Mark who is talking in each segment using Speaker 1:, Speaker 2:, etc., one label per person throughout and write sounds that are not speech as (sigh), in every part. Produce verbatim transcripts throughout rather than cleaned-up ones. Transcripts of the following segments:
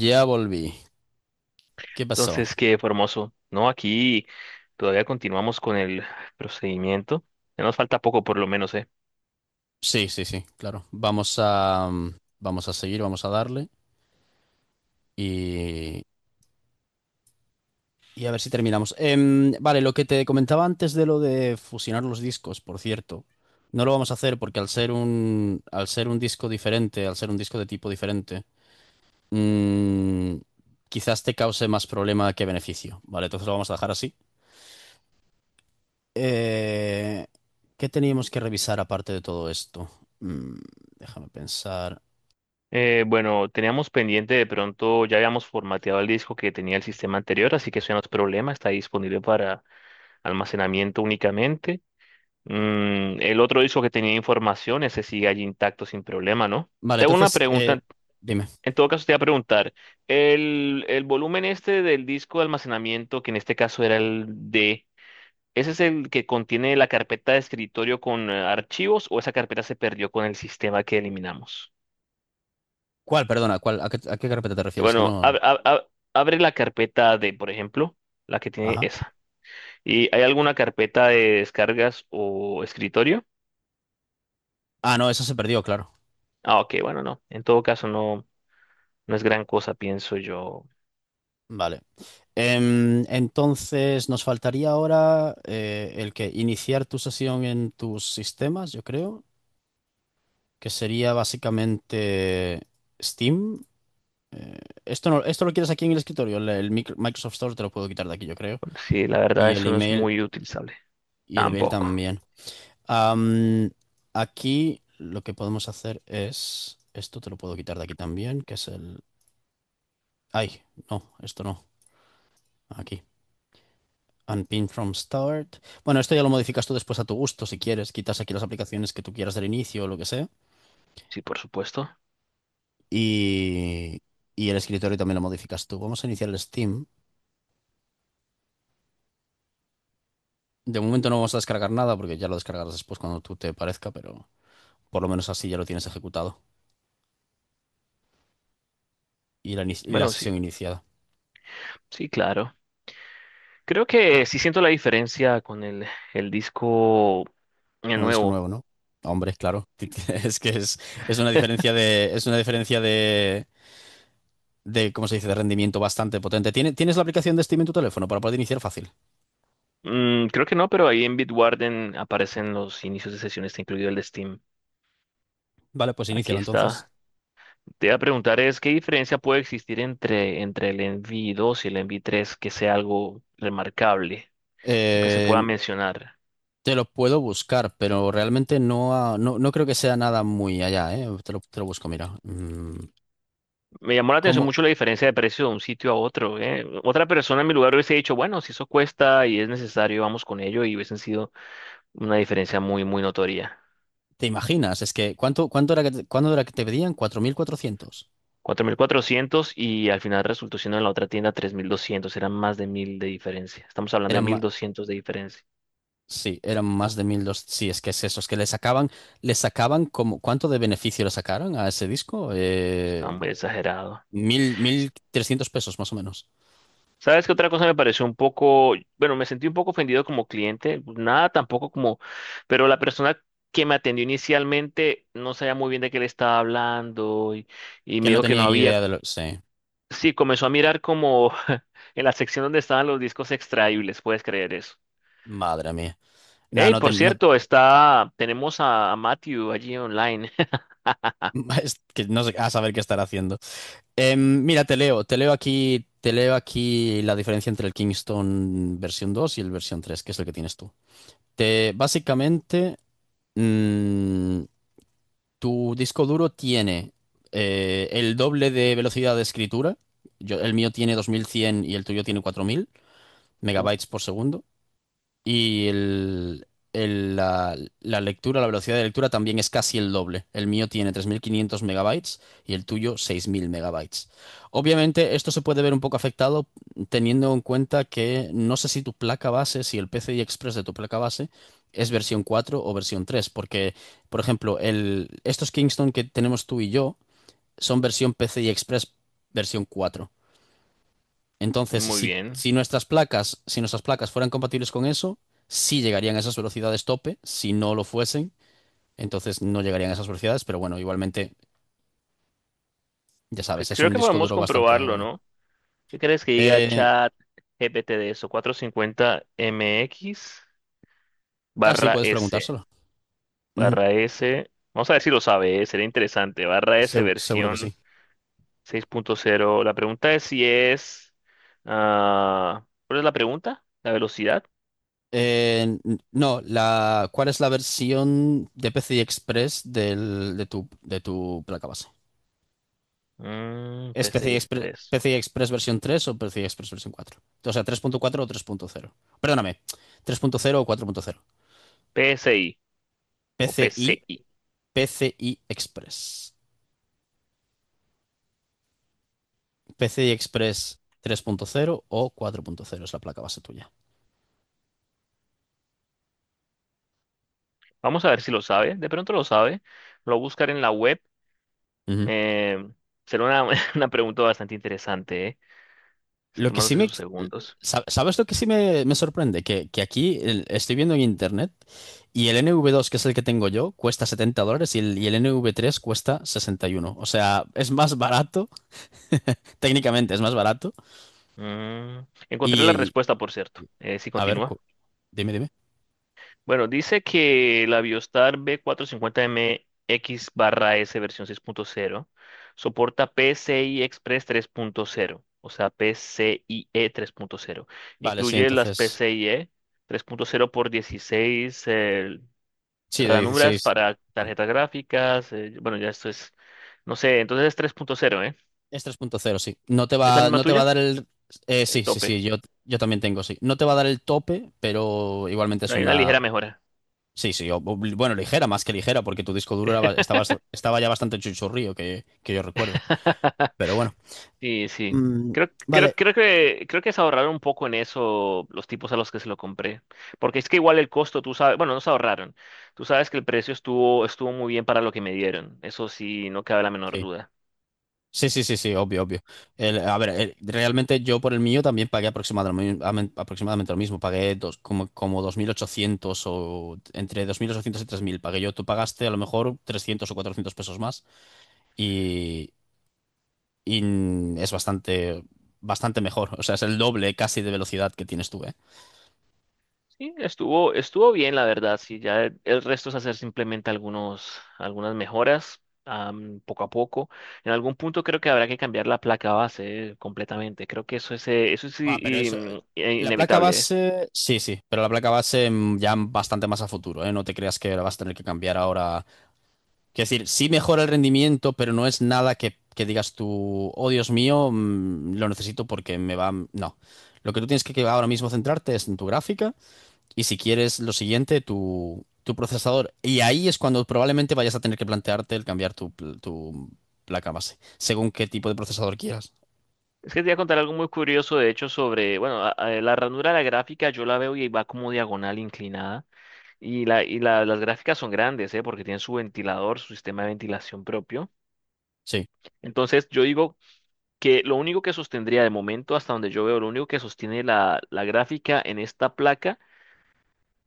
Speaker 1: Ya volví. ¿Qué pasó?
Speaker 2: Entonces, qué hermoso. No, aquí todavía continuamos con el procedimiento. Ya nos falta poco, por lo menos, ¿eh?
Speaker 1: Sí, sí, sí, claro. Vamos a, mm, vamos a seguir, vamos a darle y, y a ver si terminamos. Em, vale, lo que te comentaba antes de lo de fusionar los discos, por cierto, no lo vamos a hacer porque al ser un, al ser un disco diferente, al ser un disco de tipo diferente, mm, quizás te cause más problema que beneficio. Vale, entonces lo vamos a dejar así. Eh, ¿Qué teníamos que revisar aparte de todo esto? Mm, Déjame pensar.
Speaker 2: Eh, bueno, teníamos pendiente de pronto, ya habíamos formateado el disco que tenía el sistema anterior, así que eso ya no es problema, está disponible para almacenamiento únicamente. Mm, el otro disco que tenía información, ese sigue allí intacto sin problema, ¿no?
Speaker 1: Vale,
Speaker 2: Tengo una
Speaker 1: entonces, eh,
Speaker 2: pregunta,
Speaker 1: dime.
Speaker 2: en todo caso te voy a preguntar, el, el volumen este del disco de almacenamiento, que en este caso era el D. ¿Ese es el que contiene la carpeta de escritorio con eh, archivos, o esa carpeta se perdió con el sistema que eliminamos?
Speaker 1: ¿Cuál? Perdona, ¿cuál? ¿A qué, a qué carpeta te refieres? Que
Speaker 2: Bueno,
Speaker 1: no.
Speaker 2: ab- ab- ab- abre la carpeta de, por ejemplo, la que tiene
Speaker 1: Ajá.
Speaker 2: esa. ¿Y hay alguna carpeta de descargas o escritorio?
Speaker 1: Ah, no, esa se perdió, claro.
Speaker 2: Ah, ok, bueno, no. En todo caso, no, no es gran cosa, pienso yo.
Speaker 1: Vale. Em, entonces, nos faltaría ahora eh, el que iniciar tu sesión en tus sistemas, yo creo, que sería básicamente Steam. Eh, Esto no, esto lo quieres aquí en el escritorio. El, el micro- Microsoft Store te lo puedo quitar de aquí, yo creo.
Speaker 2: Bueno, sí, la verdad,
Speaker 1: Y el
Speaker 2: eso no es
Speaker 1: email,
Speaker 2: muy utilizable.
Speaker 1: y el email
Speaker 2: Tampoco.
Speaker 1: también. Am, Aquí lo que podemos hacer es. Esto te lo puedo quitar de aquí también, que es el. Ay, no, esto no. Aquí. Unpin from start. Bueno, esto ya lo modificas tú después a tu gusto, si quieres. Quitas aquí las aplicaciones que tú quieras del inicio o lo que sea.
Speaker 2: Sí, por supuesto.
Speaker 1: Y, y el escritorio también lo modificas tú. Vamos a iniciar el Steam. De momento no vamos a descargar nada porque ya lo descargarás después cuando tú te parezca, pero por lo menos así ya lo tienes ejecutado y la, ini- y la
Speaker 2: Bueno, sí,
Speaker 1: sesión iniciada.
Speaker 2: sí, claro. Creo que sí siento la diferencia con el, el disco eh,
Speaker 1: Con el disco
Speaker 2: nuevo.
Speaker 1: nuevo, ¿no? Hombre, claro. (laughs) Es que es, es una diferencia de, es una diferencia de, de, ¿cómo se dice?, de rendimiento bastante potente. ¿Tiene- ¿Tienes la aplicación de Steam en tu teléfono para poder iniciar fácil?
Speaker 2: Mm, creo que no, pero ahí en Bitwarden aparecen los inicios de sesión, está incluido el de Steam.
Speaker 1: Vale, pues
Speaker 2: Aquí
Speaker 1: inícialo entonces.
Speaker 2: está. Te iba a preguntar es, ¿qué diferencia puede existir entre, entre el Envy dos y el Envy tres, que sea algo remarcable o que se pueda
Speaker 1: Eh,
Speaker 2: mencionar?
Speaker 1: Te lo puedo buscar, pero realmente no, ha- no, no creo que sea nada muy allá, ¿eh? Te lo, te lo busco, mira. Mm,
Speaker 2: Me llamó la atención
Speaker 1: ¿cómo
Speaker 2: mucho la diferencia de precio de un sitio a otro, ¿eh? Otra persona en mi lugar hubiese dicho, bueno, si eso cuesta y es necesario, vamos con ello, y hubiesen sido una diferencia muy, muy notoria.
Speaker 1: te imaginas? Es que, ¿cuánto, cuánto era que te, cuándo era que te pedían? Cuatro mil cuatrocientos.
Speaker 2: Cuatro mil cuatrocientos, y al final resultó siendo en la otra tienda tres mil doscientos. Eran más de mil de diferencia. Estamos hablando de
Speaker 1: Eran,
Speaker 2: mil doscientos de diferencia.
Speaker 1: Sí, eran más de mil doscientos. Sí, es que es eso, es que le sacaban, le sacaban como, ¿cuánto de beneficio le sacaron a ese disco? Eh,
Speaker 2: Estaba muy exagerado.
Speaker 1: mil, mil trescientos pesos más o menos.
Speaker 2: ¿Sabes qué otra cosa me pareció un poco? Bueno, me sentí un poco ofendido como cliente. Pues nada, tampoco como, pero la persona que me atendió inicialmente no sabía muy bien de qué le estaba hablando, y, y
Speaker 1: Que
Speaker 2: me
Speaker 1: no
Speaker 2: dijo que no
Speaker 1: tenía ni
Speaker 2: había,
Speaker 1: idea de lo. Sí,
Speaker 2: sí, comenzó a mirar como (laughs) en la sección donde estaban los discos extraíbles. ¿Puedes creer eso?
Speaker 1: madre mía. No,
Speaker 2: Hey,
Speaker 1: no, te-
Speaker 2: por
Speaker 1: no,
Speaker 2: cierto, está, tenemos a, a Matthew allí online.
Speaker 1: (laughs) es que no sé a saber qué estar haciendo. Em, mira, te leo, te leo aquí, te leo aquí la diferencia entre el Kingston versión dos y el versión tres, que es el que tienes tú. Te, básicamente, mm, Tu disco duro tiene eh, el doble de velocidad de escritura. Yo- el mío tiene dos mil cien y el tuyo tiene cuatro mil
Speaker 2: (laughs)
Speaker 1: megabytes
Speaker 2: Uf,
Speaker 1: por segundo. Y el, el- la, la lectura, la velocidad de lectura también es casi el doble. El mío tiene tres mil quinientos megabytes y el tuyo seis mil megabytes. Obviamente esto se puede ver un poco afectado teniendo en cuenta que no sé si tu placa base, si el P C I Express de tu placa base es versión cuatro o versión tres porque, por ejemplo, el, estos Kingston que tenemos tú y yo son versión P C I Express versión cuatro. Entonces,
Speaker 2: muy
Speaker 1: si,
Speaker 2: bien.
Speaker 1: si nuestras placas, si nuestras placas fueran compatibles con eso, sí llegarían a esas velocidades tope. Si no lo fuesen, entonces no llegarían a esas velocidades. Pero bueno, igualmente, ya
Speaker 2: Pe-
Speaker 1: sabes, es
Speaker 2: Creo
Speaker 1: un
Speaker 2: que
Speaker 1: disco
Speaker 2: podemos
Speaker 1: duro bastante
Speaker 2: comprobarlo,
Speaker 1: bueno.
Speaker 2: ¿no? ¿Qué crees que diga
Speaker 1: Eh,
Speaker 2: chat GPT de eso? cuatrocientos cincuenta M X
Speaker 1: ah, sí,
Speaker 2: barra
Speaker 1: puedes
Speaker 2: S,
Speaker 1: preguntárselo. Ujú,
Speaker 2: barra S. Vamos a ver si lo sabe, ¿eh? Sería interesante. Barra S
Speaker 1: segu- seguro que
Speaker 2: versión
Speaker 1: sí.
Speaker 2: seis punto cero. La pregunta es si es... Ah, ¿cuál es la pregunta? ¿La velocidad?
Speaker 1: Eh, no, la, ¿cuál es la versión de P C I Express del- de tu, de tu placa base?
Speaker 2: Mm,
Speaker 1: ¿Es PCI
Speaker 2: P C I
Speaker 1: Express,
Speaker 2: Express.
Speaker 1: PCI Express versión tres o P C I Express versión cuatro? O sea, tres punto cuatro o tres punto cero. Perdóname, tres punto cero o cuatro punto cero.
Speaker 2: P S I o
Speaker 1: PCI,
Speaker 2: P C I.
Speaker 1: P C I Express. P C I Express tres punto cero o cuatro punto cero es la placa base tuya.
Speaker 2: Vamos a ver si lo sabe. De pronto lo sabe. Lo voy a buscar en la web.
Speaker 1: Ujú.
Speaker 2: Eh, Será una (laughs) una pregunta bastante interesante, ¿eh? Está
Speaker 1: Lo que sí
Speaker 2: tomándose
Speaker 1: me...
Speaker 2: sus segundos.
Speaker 1: sa- ¿Sabes lo que sí me, me sorprende? Que, que aquí el- estoy viendo en internet y el N V dos, que es el que tengo yo, cuesta setenta dólares y el, y el N V tres cuesta sesenta y uno. O sea, es más barato, (laughs) técnicamente es más barato.
Speaker 2: Mm, encontré la
Speaker 1: Y,
Speaker 2: respuesta, por cierto. Eh, si
Speaker 1: A ver,
Speaker 2: continúa.
Speaker 1: cu- dime, dime.
Speaker 2: Bueno, dice que la Biostar b cuatrocientos cincuenta M X barra S versión seis punto cero soporta P C I Express tres punto cero. O sea, PCIe tres punto cero.
Speaker 1: Vale, sí,
Speaker 2: Incluye las
Speaker 1: entonces.
Speaker 2: PCIe tres punto cero por dieciséis
Speaker 1: Sí, de
Speaker 2: ranuras
Speaker 1: dieciséis.
Speaker 2: para
Speaker 1: Mm.
Speaker 2: tarjetas gráficas. Eh, bueno, ya esto es, no sé, entonces es tres punto cero, ¿eh?
Speaker 1: Es tres punto cero, sí. No te
Speaker 2: ¿Es la
Speaker 1: va,
Speaker 2: misma
Speaker 1: no te va a
Speaker 2: tuya?
Speaker 1: dar el. Eh, sí,
Speaker 2: El
Speaker 1: sí, sí,
Speaker 2: tope,
Speaker 1: yo, yo también tengo, sí. No te va a dar el tope, pero igualmente
Speaker 2: pero
Speaker 1: es
Speaker 2: hay una
Speaker 1: una.
Speaker 2: ligera mejora.
Speaker 1: Sí, sí, o- o- bueno, ligera, más que ligera, porque tu disco duro era ba- estaba, estaba ya bastante chuchurrío, que, que yo recuerde.
Speaker 2: (laughs)
Speaker 1: Pero bueno.
Speaker 2: Sí, sí.
Speaker 1: Mm,
Speaker 2: Creo, creo,
Speaker 1: vale.
Speaker 2: creo que, creo que se ahorraron un poco en eso los tipos a los que se lo compré. Porque es que igual el costo, tú sabes, bueno, no se ahorraron. Tú sabes que el precio estuvo, estuvo muy bien para lo que me dieron. Eso sí, no cabe la menor duda.
Speaker 1: Sí, sí, sí, sí, obvio, obvio. El- a ver, el- realmente yo por el mío también pagué aproximadamente, amen- aproximadamente lo mismo. Pagué dos, como, como dos mil ochocientos o entre dos mil ochocientos y tres mil pagué yo. Tú pagaste a lo mejor trescientos o cuatrocientos pesos más y, y es bastante, bastante mejor. (laughs) O sea, es el doble casi de velocidad que tienes tú, ¿eh?
Speaker 2: Sí, estuvo, estuvo bien, la verdad. Sí, ya el, el resto es hacer simplemente algunos, algunas mejoras, am, poco a poco. En algún punto creo que habrá que cambiar la placa base eh, completamente. Creo que eso es, eh, eso es
Speaker 1: Ah, pero
Speaker 2: i-
Speaker 1: eso...
Speaker 2: in- eh,
Speaker 1: La placa
Speaker 2: inevitable, ¿eh?
Speaker 1: base, sí, sí, pero la placa base mm, ya bastante más a futuro, ¿eh? No te creas que la vas a tener que cambiar ahora. Quiero decir, sí mejora el rendimiento, pero no es nada que, que digas tú, oh Dios mío, mm, lo necesito porque me va. No. Lo que tú tienes que que ahora mismo centrarte es en tu gráfica y si quieres lo siguiente, tu, tu procesador. Y ahí es cuando probablemente vayas a tener que plantearte el cambiar tu, pl- tu placa base, según qué tipo de procesador quieras.
Speaker 2: Es que te voy a contar algo muy curioso, de hecho, sobre, bueno, a- a- la ranura de la gráfica yo la veo y va como diagonal inclinada. Y, la, y la- las gráficas son grandes, ¿eh? Porque tienen su ventilador, su sistema de ventilación propio.
Speaker 1: Sí.
Speaker 2: Entonces yo digo, que lo único que sostendría de momento, hasta donde yo veo, lo único que sostiene la, la gráfica en esta placa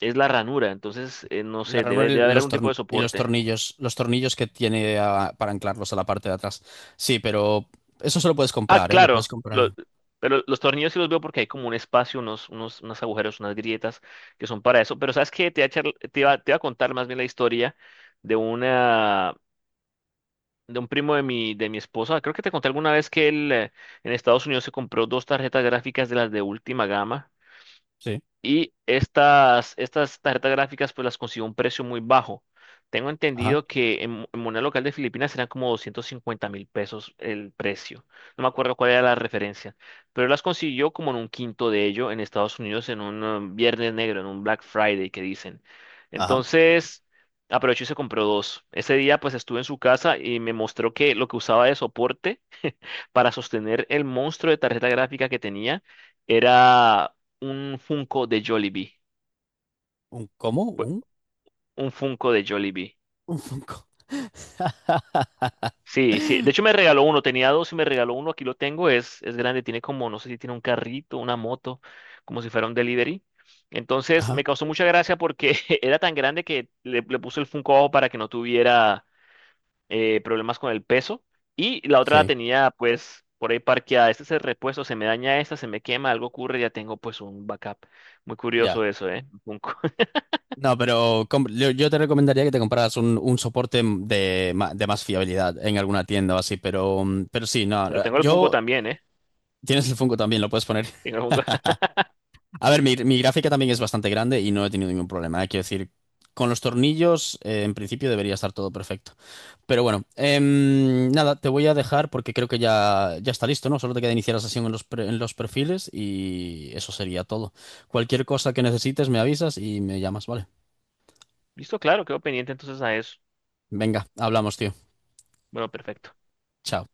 Speaker 2: es la ranura. Entonces, eh, no
Speaker 1: La
Speaker 2: sé, debe,
Speaker 1: ranura y
Speaker 2: debe haber
Speaker 1: los,
Speaker 2: algún tipo
Speaker 1: torn-
Speaker 2: de
Speaker 1: y los
Speaker 2: soporte.
Speaker 1: tornillos, los tornillos que tiene ah, para anclarlos a la parte de atrás. Sí, pero eso solo puedes
Speaker 2: Ah,
Speaker 1: comprar, ¿eh? Lo puedes
Speaker 2: claro,
Speaker 1: comprar.
Speaker 2: lo- pero los tornillos sí los veo porque hay como un espacio, unos, unos, unos agujeros, unas grietas que son para eso. Pero ¿sabes qué? Te voy a, charl- te iba- te iba a contar más bien la historia de una... de un primo de mi, de mi esposa. Creo que te conté alguna vez que él eh, en Estados Unidos se compró dos tarjetas gráficas de las de última gama.
Speaker 1: Sí.
Speaker 2: Y estas, estas tarjetas gráficas pues las consiguió a un precio muy bajo. Tengo
Speaker 1: Ajá.
Speaker 2: entendido que en, en moneda local de Filipinas eran como doscientos cincuenta mil pesos el precio. No me acuerdo cuál era la referencia. Pero las consiguió como en un quinto de ello en Estados Unidos en un um, viernes negro, en un Black Friday, que dicen.
Speaker 1: Ajá.
Speaker 2: Entonces aprovechó y se compró dos. Ese día pues estuve en su casa y me mostró que lo que usaba de soporte para sostener el monstruo de tarjeta gráfica que tenía era un Funko de Jollibee.
Speaker 1: ¿Un cómo? ¿Un?
Speaker 2: Un Funko de Jollibee.
Speaker 1: Un Funko. (laughs)
Speaker 2: Sí, sí. De hecho me regaló uno, tenía dos y me regaló uno. Aquí lo tengo, es, es grande, tiene como, no sé si tiene un carrito, una moto, como si fuera un delivery. Entonces
Speaker 1: Ajá,
Speaker 2: me causó mucha gracia porque (laughs) era tan grande que le, le puso el Funko abajo para que no tuviera eh, problemas con el peso, y la otra la
Speaker 1: sí,
Speaker 2: tenía pues por ahí parqueada. Este es el repuesto, se me daña esta, se me quema, algo ocurre, ya tengo pues un backup. Muy
Speaker 1: ya.
Speaker 2: curioso eso, ¿eh? Un Funko. (laughs)
Speaker 1: No, pero com- yo, yo te recomendaría que te compraras un, un soporte de, ma- de más fiabilidad en alguna tienda o así, pero, mm, pero sí, no.
Speaker 2: Pero tengo el Funko
Speaker 1: Yo,
Speaker 2: también, ¿eh?
Speaker 1: tienes el Funko también, lo puedes poner.
Speaker 2: Tengo el Funko. (laughs)
Speaker 1: A ver, mi, mi gráfica también es bastante grande y no he tenido ningún problema. Hay que decir, con los tornillos, eh, en principio debería estar todo perfecto. Pero bueno, em, nada, te voy a dejar porque creo que ya, ya, está listo, ¿no? Solo te queda iniciar la sesión en los, pre- en los perfiles y eso sería todo. Cualquier cosa que necesites, me avisas y me llamas, ¿vale?
Speaker 2: Listo, claro, quedo pendiente entonces a eso.
Speaker 1: Venga, hablamos, tío.
Speaker 2: Bueno, perfecto.
Speaker 1: Chao.